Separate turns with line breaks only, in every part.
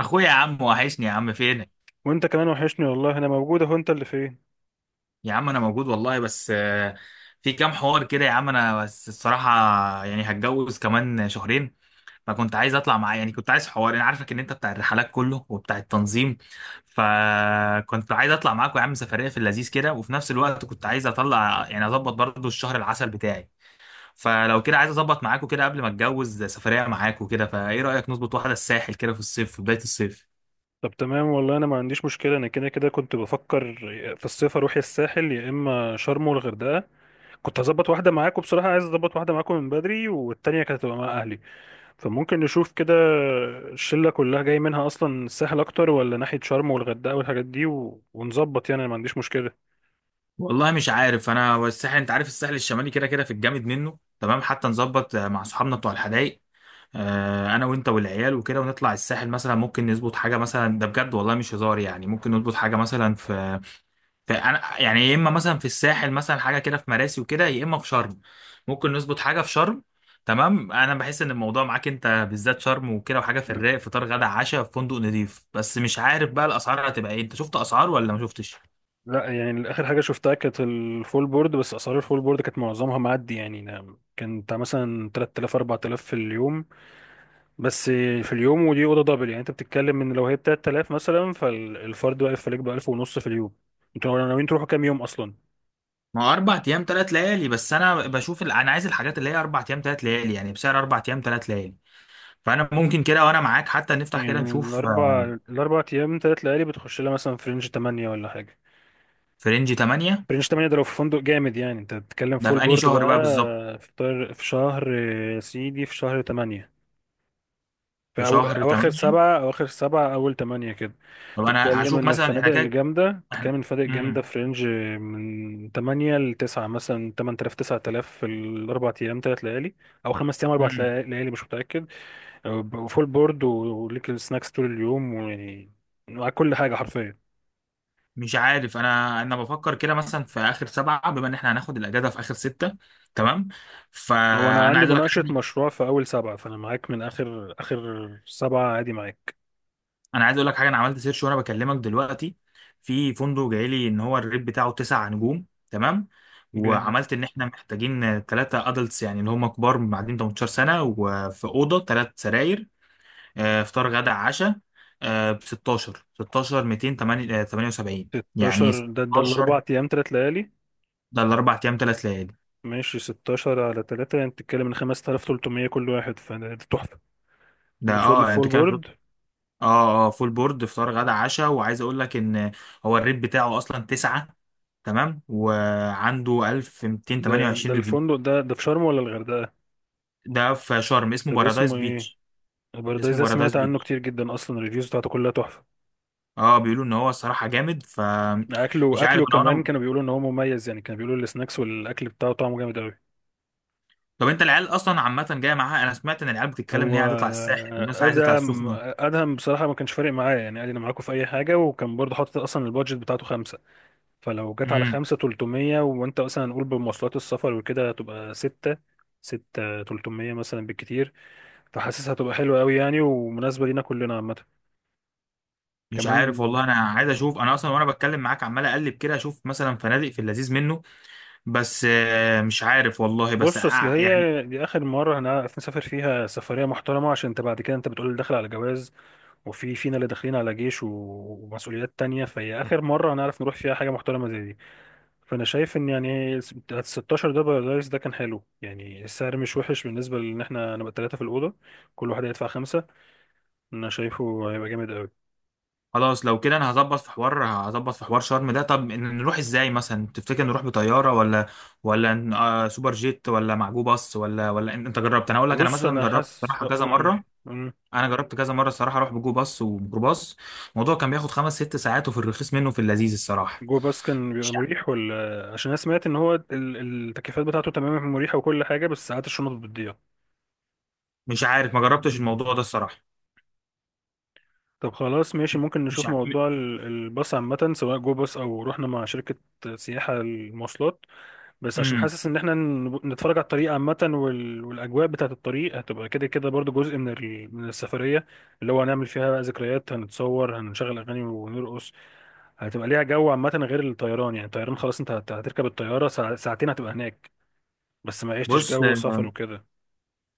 اخويا يا عم وحشني يا عم فينك.
وانت كمان وحشني، والله انا موجود اهو. انت اللي فين؟
يا عم انا موجود والله، بس في كام حوار كده يا عم، انا بس الصراحه يعني هتجوز كمان شهرين، فكنت عايز اطلع معايا. يعني كنت عايز حوار، انا عارفك ان انت بتاع الرحلات كله وبتاع التنظيم، فكنت عايز اطلع معاك يا عم سفريه في اللذيذ كده، وفي نفس الوقت كنت عايز اطلع يعني اظبط برضو الشهر العسل بتاعي. فلو كده عايز اظبط معاكوا كده قبل ما اتجوز سفريه معاكوا كده. فايه رايك نظبط واحده الساحل كده في الصيف، في بدايه الصيف؟
طب تمام، والله انا ما عنديش مشكله. انا كده كده كنت بفكر في الصيف اروح يا الساحل يا اما شرم والغردقه. كنت هظبط واحده معاكم، بصراحه عايز اظبط واحده معاكم من بدري، والتانيه كانت هتبقى مع اهلي. فممكن نشوف كده. الشله كلها جاي منها اصلا، الساحل اكتر ولا ناحيه شرم والغردقه والحاجات دي، ونظبط يعني انا ما عنديش مشكله.
والله مش عارف، انا والساحل انت عارف، الساحل الشمالي كده كده في الجامد منه، تمام، حتى نظبط مع صحابنا بتوع الحدايق. انا وانت والعيال وكده ونطلع الساحل مثلا، ممكن نظبط حاجه مثلا، ده بجد والله مش هزار، يعني ممكن نظبط حاجه مثلا في انا يعني، يا اما مثلا في الساحل مثلا حاجه كده في مراسي وكده، يا اما في شرم، ممكن نظبط حاجه في شرم. تمام، انا بحس ان الموضوع معاك انت بالذات شرم وكده وحاجه في الرايق، فطار غدا عشاء في فندق نضيف، بس مش عارف بقى الاسعار هتبقى ايه، انت شفت اسعار ولا ما شفتش؟
لا يعني اخر حاجه شفتها كانت الفول بورد، بس اسعار الفول بورد كانت معظمها معدي. يعني كانت مثلا 3000 4000 في اليوم بس. في اليوم، ودي اوضه دبل. يعني انت بتتكلم ان لو هي ب 3000 مثلا، فالفرد واقف عليك ب 1000 ونص في اليوم. انتوا ناويين تروحوا كام يوم اصلا؟
ما هو اربع ايام ثلاث ليالي، بس انا بشوف انا عايز الحاجات اللي هي اربع ايام ثلاث ليالي يعني بسعر اربع ايام ثلاث ليالي. فانا ممكن كده وانا معاك حتى نفتح كده
يعني
نشوف
الاربع الاربع ايام تلات ليالي بتخش لها مثلا في رينج 8 ولا حاجه؟
في رينج 8.
في رينج 8، ده لو في فندق جامد. يعني انت بتتكلم
ده
فول
في انهي
بورد
شهر
بقى.
بقى بالظبط؟
في شهر يا سيدي، في شهر 8.
في شهر
أواخر
8.
سبعة أواخر سبعة أول تمانية كده.
طب انا هشوف مثلا احنا كده.
تتكلم إن
احنا
الفنادق الجامدة
امم
في رينج من تمانية لتسعة، مثلا تمن تلاف تسعة آلاف في الأربع أيام تلات ليالي. أو خمس أيام أربع
امم
ليالي، مش متأكد. وفول بورد وليك السناكس طول اليوم، ويعني مع كل حاجة حرفيا.
مش عارف، انا بفكر كده مثلا في اخر سبعة، بما ان احنا هناخد الاجازة في اخر ستة، تمام.
هو أنا
فانا
عندي
عايز اقول لك
مناقشة
حاجة،
مشروع في أول سبعة، فأنا معاك من آخر آخر سبعة عادي، معاك.
انا عايز اقول لك حاجه، انا عملت سيرش وانا بكلمك دلوقتي، في فندق جاي لي ان هو الريت بتاعه تسع نجوم تمام،
جامد.
وعملت ان احنا محتاجين ثلاثه ادلتس يعني اللي هم كبار معدين 18 سنه، وفي اوضه ثلاث سراير. فطار غدا عشاء ب 16 16 278. يعني
16 ده الأربع
16
أيام تلات ليالي؟
ده الاربع ايام ثلاث ليالي.
ماشي، 16 على 3 يعني بتتكلم ان 5300 كل واحد. فده تحفة.
ده
ده
اه
فول
يعني
فول
انتوا كده.
بورد.
اه، اه، فول بورد، فطار غدا عشاء. وعايز اقول لك ان هو الريت بتاعه اصلا 9، تمام، وعنده
ده
1228 ريفيو.
الفندق ده في شرم ولا الغردقة؟
ده في شرم اسمه
طب
بارادايس
اسمه ايه؟
بيتش.
البارادايس
اسمه
ده
بارادايس
سمعت عنه
بيتش.
كتير جدا، اصلا الريفيوز بتاعته كلها تحفة.
اه، بيقولوا ان هو الصراحه جامد. ف مش
اكله
عارف
اكله
انا.
كمان
انا
كانوا بيقولوا ان هو مميز، يعني كانوا بيقولوا السناكس والاكل بتاعه طعمه جامد قوي.
طب انت العيال اصلا عامه جايه معاها؟ انا سمعت ان العيال بتتكلم ان هي
هو
عايزه تطلع الساحل، والناس عايزه تطلع
ادهم
السخنه.
ادهم بصراحة ما كانش فارق معايا، يعني قال لي انا معاكم في اي حاجة، وكان برضه حاطط اصلا البادجت بتاعته. فلو جت على
امم
5300، وانت مثلا هنقول بمواصلات السفر وكده هتبقى ستة. 6300 مثلا بالكتير. فحاسسها هتبقى حلوة قوي، يعني ومناسبة لينا كلنا عامة.
مش عارف
كمان.
والله، انا عايز اشوف، انا اصلا وانا بتكلم معاك عمال اقلب كده اشوف مثلا فنادق في اللذيذ منه. بس مش عارف والله، بس
بص، اصل
يعني،
هي دي اخر مرة هنعرف نسافر فيها سفرية محترمة، عشان انت بعد كده انت بتقول داخل على جواز، وفي فينا اللي داخلين على جيش ومسؤوليات تانية، فهي اخر مرة هنعرف نروح فيها حاجة محترمة زي دي. فانا شايف ان يعني ال 16 ده، بارادايس ده كان حلو، يعني السعر مش وحش بالنسبه لان احنا نبقى ثلاثه في الاوضه. كل واحد هيدفع خمسه، انا شايفه هيبقى جامد قوي.
خلاص لو كده انا هظبط في حوار، هظبط في حوار شرم ده. طب نروح ازاي مثلا تفتكر؟ نروح بطياره، ولا ولا سوبر جيت، ولا معجو باص، ولا انت جربت؟ انا اقول لك انا
بص،
مثلا
انا
جربت
حاسس
صراحه كذا
اقول
مره،
مم.
انا جربت كذا مره الصراحه اروح بجو باص وميكروباص، الموضوع كان بياخد خمس ست ساعات، وفي الرخيص منه في اللذيذ الصراحه.
جو باس كان بيبقى
مش ع-
مريح، ولا عشان انا سمعت ان هو التكييفات بتاعته تمام مريحه وكل حاجه، بس ساعات الشنط بتضيع؟
مش عارف، ما جربتش الموضوع ده الصراحه.
طب خلاص، ماشي. ممكن
مش
نشوف
عارف.
موضوع الباص عامه، سواء جو باص او رحنا مع شركه سياحه المواصلات. بس عشان
امم
حاسس ان احنا نتفرج على الطريق عامة، والاجواء بتاعة الطريق هتبقى كده كده برضو جزء من من السفرية، اللي هو هنعمل فيها بقى ذكريات، هنتصور، هنشغل اغاني، ونرقص. هتبقى ليها جو عامة، غير الطيران. يعني الطيران خلاص، انت هتركب الطيارة ساعتين هتبقى هناك. بس ما عشتش
بص
جو سفر وكده.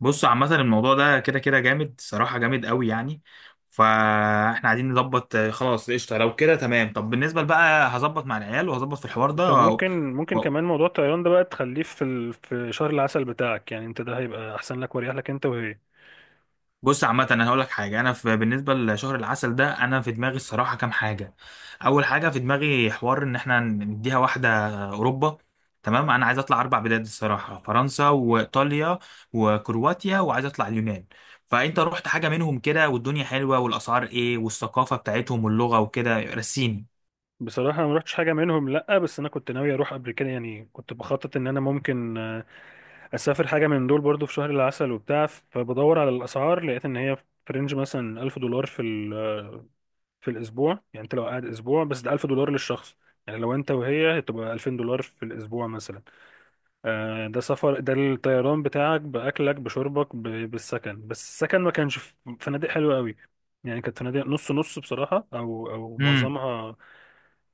بص عامة الموضوع ده كده كده جامد صراحة، جامد قوي يعني. فاحنا عايزين نظبط خلاص قشطة لو كده تمام. طب بالنسبة بقى، هظبط مع العيال وهظبط في الحوار
انت
ده. و...
ممكن كمان موضوع الطيران ده بقى تخليه في في شهر العسل بتاعك. يعني انت ده هيبقى احسن لك واريح لك، انت وهي.
بص عامة انا هقول لك حاجة، انا في بالنسبة لشهر العسل ده انا في دماغي الصراحة كام حاجة. اول حاجة في دماغي حوار ان احنا نديها واحدة اوروبا. تمام، انا عايز اطلع اربع بلاد الصراحة، فرنسا وايطاليا وكرواتيا، وعايز اطلع اليونان. فانت رحت حاجة منهم كده؟ والدنيا حلوة؟ والاسعار ايه؟ والثقافة بتاعتهم واللغة وكده، رسيني.
بصراحة أنا ما رحتش حاجة منهم، لأ. بس أنا كنت ناوي أروح قبل كده، يعني كنت بخطط إن أنا ممكن اسافر حاجه من دول برضو في شهر العسل وبتاع. فبدور على الاسعار لقيت ان هي في رينج مثلا 1000 دولار في في الاسبوع. يعني انت لو قاعد اسبوع بس، ده 1000 دولار للشخص. يعني لو انت وهي هتبقى 2000 دولار في الاسبوع مثلا. ده سفر، ده الطيران بتاعك، باكلك بشربك بالسكن. بس السكن ما كانش في فنادق حلوه قوي. يعني كانت فنادق نص نص بصراحه، او
امم
معظمها.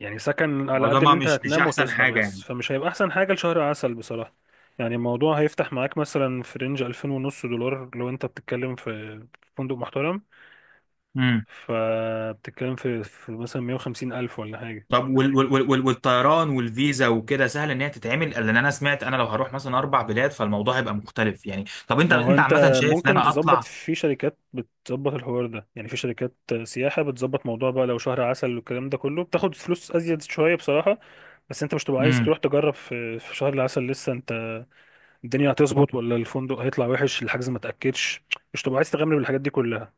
يعني سكن على قد ان
معظمها
انت
مش
هتنام
احسن
وتصحى
حاجة
بس،
يعني.
فمش هيبقى احسن حاجة لشهر عسل بصراحة. يعني الموضوع هيفتح معاك مثلا في رينج 2500 دولار لو انت بتتكلم في فندق محترم، فبتتكلم في مثلا 150 ألف ولا حاجة.
طب والطيران والفيزا وكده سهل ان هي تتعمل؟ لان انا سمعت انا لو هروح مثلا اربع بلاد، فالموضوع هيبقى مختلف يعني. طب انت،
ما هو
انت
انت
عامه شايف ان
ممكن
انا
تظبط
اطلع،
في شركات بتظبط الحوار ده. يعني في شركات سياحة بتظبط موضوع بقى لو شهر عسل والكلام ده كله، بتاخد فلوس أزيد شوية بصراحة. بس انت مش تبقى عايز تروح تجرب في شهر العسل لسه، انت الدنيا هتظبط ولا الفندق هيطلع وحش، الحجز ما تاكدش. مش تبقى عايز تغامر بالحاجات دي كلها.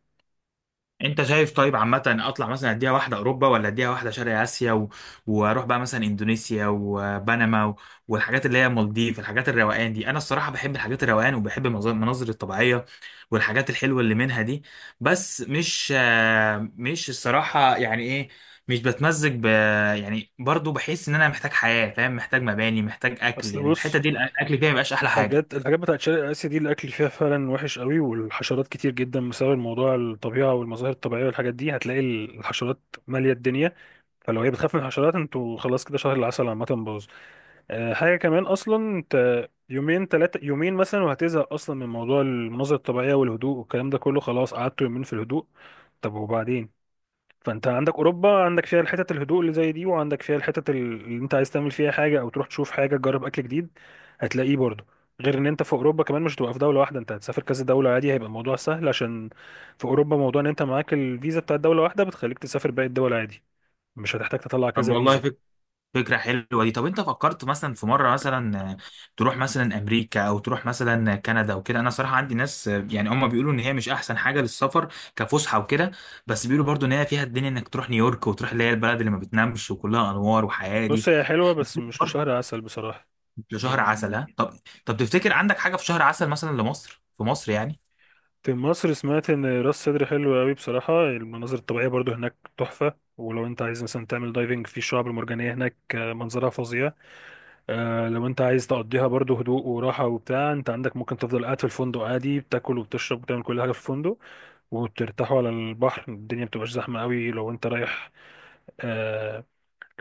انت شايف؟ طيب عامة اطلع مثلا اديها واحدة اوروبا، ولا اديها واحدة شرق اسيا واروح بقى مثلا اندونيسيا وبنما والحاجات اللي هي مالديف، الحاجات الروقان دي. انا الصراحة بحب الحاجات الروقان، وبحب المناظر الطبيعية، والحاجات الحلوة اللي منها دي. بس مش مش الصراحة يعني ايه، مش بتمزج ب، يعني برضو بحس ان انا محتاج حياة فاهم، محتاج مباني، محتاج اكل.
اصل
يعني
بص،
الحتة دي الاكل فيها مبقاش احلى حاجة.
الحاجات بتاعت شرق اسيا دي الاكل فيها فعلا وحش قوي، والحشرات كتير جدا بسبب الموضوع الطبيعه والمظاهر الطبيعيه والحاجات دي هتلاقي الحشرات ماليه الدنيا. فلو هي بتخاف من الحشرات انتوا خلاص كده، شهر العسل عامه باظ. أه، حاجه كمان اصلا. انت يومين ثلاثه يومين مثلا وهتزهق اصلا من موضوع المناظر الطبيعيه والهدوء والكلام ده كله، خلاص قعدتوا يومين في الهدوء. طب وبعدين؟ فانت عندك اوروبا، عندك فيها الحتت الهدوء اللي زي دي، وعندك فيها الحتت اللي انت عايز تعمل فيها حاجه او تروح تشوف حاجه، تجرب اكل جديد هتلاقيه برضه. غير ان انت في اوروبا كمان مش هتبقى في دوله واحده، انت هتسافر كذا دوله عادي، هيبقى الموضوع سهل. عشان في اوروبا موضوع ان انت معاك الفيزا بتاعت دوله واحده بتخليك تسافر باقي الدول عادي، مش هتحتاج تطلع
طب
كذا فيزا.
والله، فكرة حلوة دي. طب انت فكرت مثلا في مرة مثلا تروح مثلا امريكا، او تروح مثلا كندا وكده؟ انا صراحة عندي ناس يعني هم بيقولوا ان هي مش احسن حاجة للسفر كفسحة وكده، بس بيقولوا برضو ان هي فيها الدنيا، انك تروح نيويورك، وتروح اللي هي البلد اللي ما بتنامش وكلها انوار وحياة
بص
دي.
هي حلوه بس مش لشهر
وبرضه
عسل بصراحه.
شهر
يعني
عسل، ها؟ طب، طب تفتكر عندك حاجة في شهر عسل مثلا لمصر، في مصر يعني؟
في مصر سمعت ان راس سدر حلو قوي بصراحه، المناظر الطبيعيه برضو هناك تحفه. ولو انت عايز مثلا تعمل دايفنج في الشعاب المرجانيه هناك منظرها فظيع. لو انت عايز تقضيها برضو هدوء وراحة وبتاع، انت عندك ممكن تفضل قاعد في الفندق عادي، بتاكل وبتشرب وبتعمل كل حاجة في الفندق. وبترتاحوا على البحر، الدنيا بتبقاش زحمة قوي آه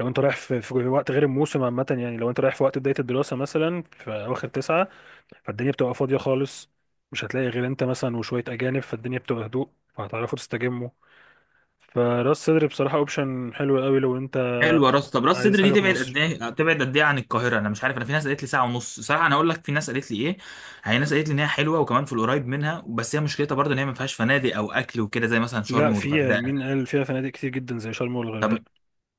لو انت رايح في وقت غير الموسم عامة. يعني لو انت رايح في وقت بداية الدراسة مثلا في أواخر تسعة، فالدنيا بتبقى فاضية خالص، مش هتلاقي غير انت مثلا وشوية أجانب، فالدنيا بتبقى هدوء، فهتعرفوا تستجموا. فراس صدر بصراحة اوبشن حلو قوي لو انت
حلوه راس، طب راس
عايز
صدر دي
حاجة في
تبعد قد
مصر.
ايه؟ تبعد قد ايه عن القاهره؟ انا مش عارف، انا في ناس قالت لي ساعه ونص صراحه، انا اقول لك في ناس قالت لي ايه. هي ناس قالت لي ان هي حلوه وكمان في القريب منها، بس هي مشكلتها برضه ان هي ما فيهاش فنادق او اكل وكده زي مثلا شرم
لا، في.
والغردقه.
مين قال؟ فيها فنادق كتير جدا زي شرم
طب
والغردقة.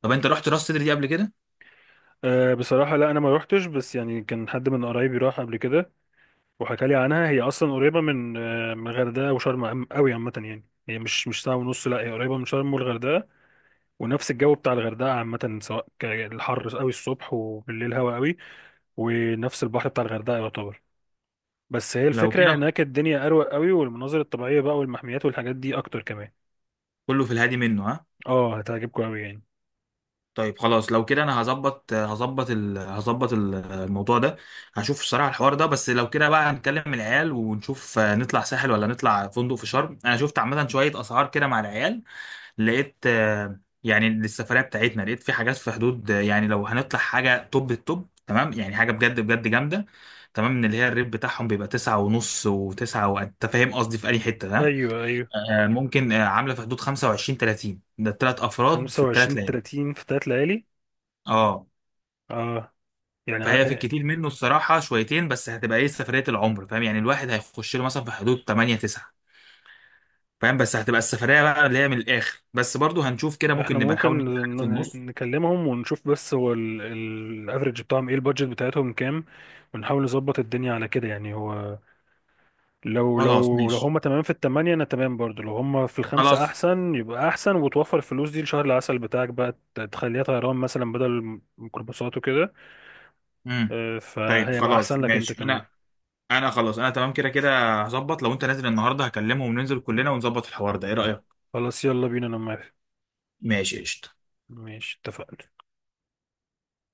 طب انت رحت راس صدر دي قبل كده؟
أه، بصراحة لا، أنا ما روحتش. بس يعني كان حد من قرايبي راح قبل كده وحكى لي عنها. هي أصلا قريبة من من الغردقة وشرم أوي عامة. يعني هي مش ساعة ونص، لا هي قريبة من شرم والغردقة. ونفس الجو بتاع الغردقة عامة، سواء الحر أوي الصبح وبالليل هوا أوي. ونفس البحر بتاع الغردقة يعتبر. بس هي
لو
الفكرة
كده
هناك الدنيا أروق أوي، والمناظر الطبيعية بقى والمحميات والحاجات دي أكتر كمان.
كله في الهادي منه، ها؟
اه، هتعجبكم أوي يعني.
طيب خلاص لو كده انا هظبط، هظبط هظبط الموضوع ده، هشوف الصراحه الحوار ده. بس لو كده بقى هنكلم العيال ونشوف نطلع ساحل ولا نطلع فندق في شرم. انا شفت عامه شويه اسعار كده مع العيال، لقيت يعني للسفرية بتاعتنا، لقيت في حاجات في حدود يعني لو هنطلع حاجة توب التوب تمام، يعني حاجة بجد بجد جامدة تمام، من اللي هي الريت بتاعهم بيبقى تسعة ونص وتسعة، وانت فاهم قصدي في أي حتة ده.
أيوه، أيوه.
ممكن عاملة في حدود خمسة وعشرين تلاتين، ده التلات أفراد في التلات
25
ليالي.
30 في تلات ليالي.
اه،
اه يعني.
فهي في الكتير منه الصراحة شويتين، بس هتبقى ايه سفرية العمر فاهم، يعني الواحد هيخش له مثلا في حدود 8 9، فاهم، بس هتبقى السفرية بقى اللي هي من الآخر. بس برضو هنشوف كده،
احنا
ممكن نبقى نحاول
ممكن
نجيب حاجة في النص.
نكلمهم ونشوف، بس هو الافريج بتاعهم ايه، البادجت بتاعتهم كام. ونحاول نظبط الدنيا على كده. يعني هو لو
خلاص
لو لو
ماشي.
هم تمام في التمانية انا تمام برضو، لو هم في الخمسة
خلاص.
احسن يبقى احسن، وتوفر الفلوس دي لشهر العسل بتاعك، بقى تخليها طيران مثلا بدل ميكروباصات وكده.
امم
اه،
طيب
فهيبقى
خلاص
احسن لك انت
ماشي،
كمان.
انا انا خلاص، انا تمام كده كده، هظبط. لو انت نازل النهارده هكلمهم، ننزل كلنا ونظبط الحوار ده، ايه رأيك؟
خلاص، يلا بينا، انا موافق.
ماشي، قشطة.
ماشي، اتفقنا.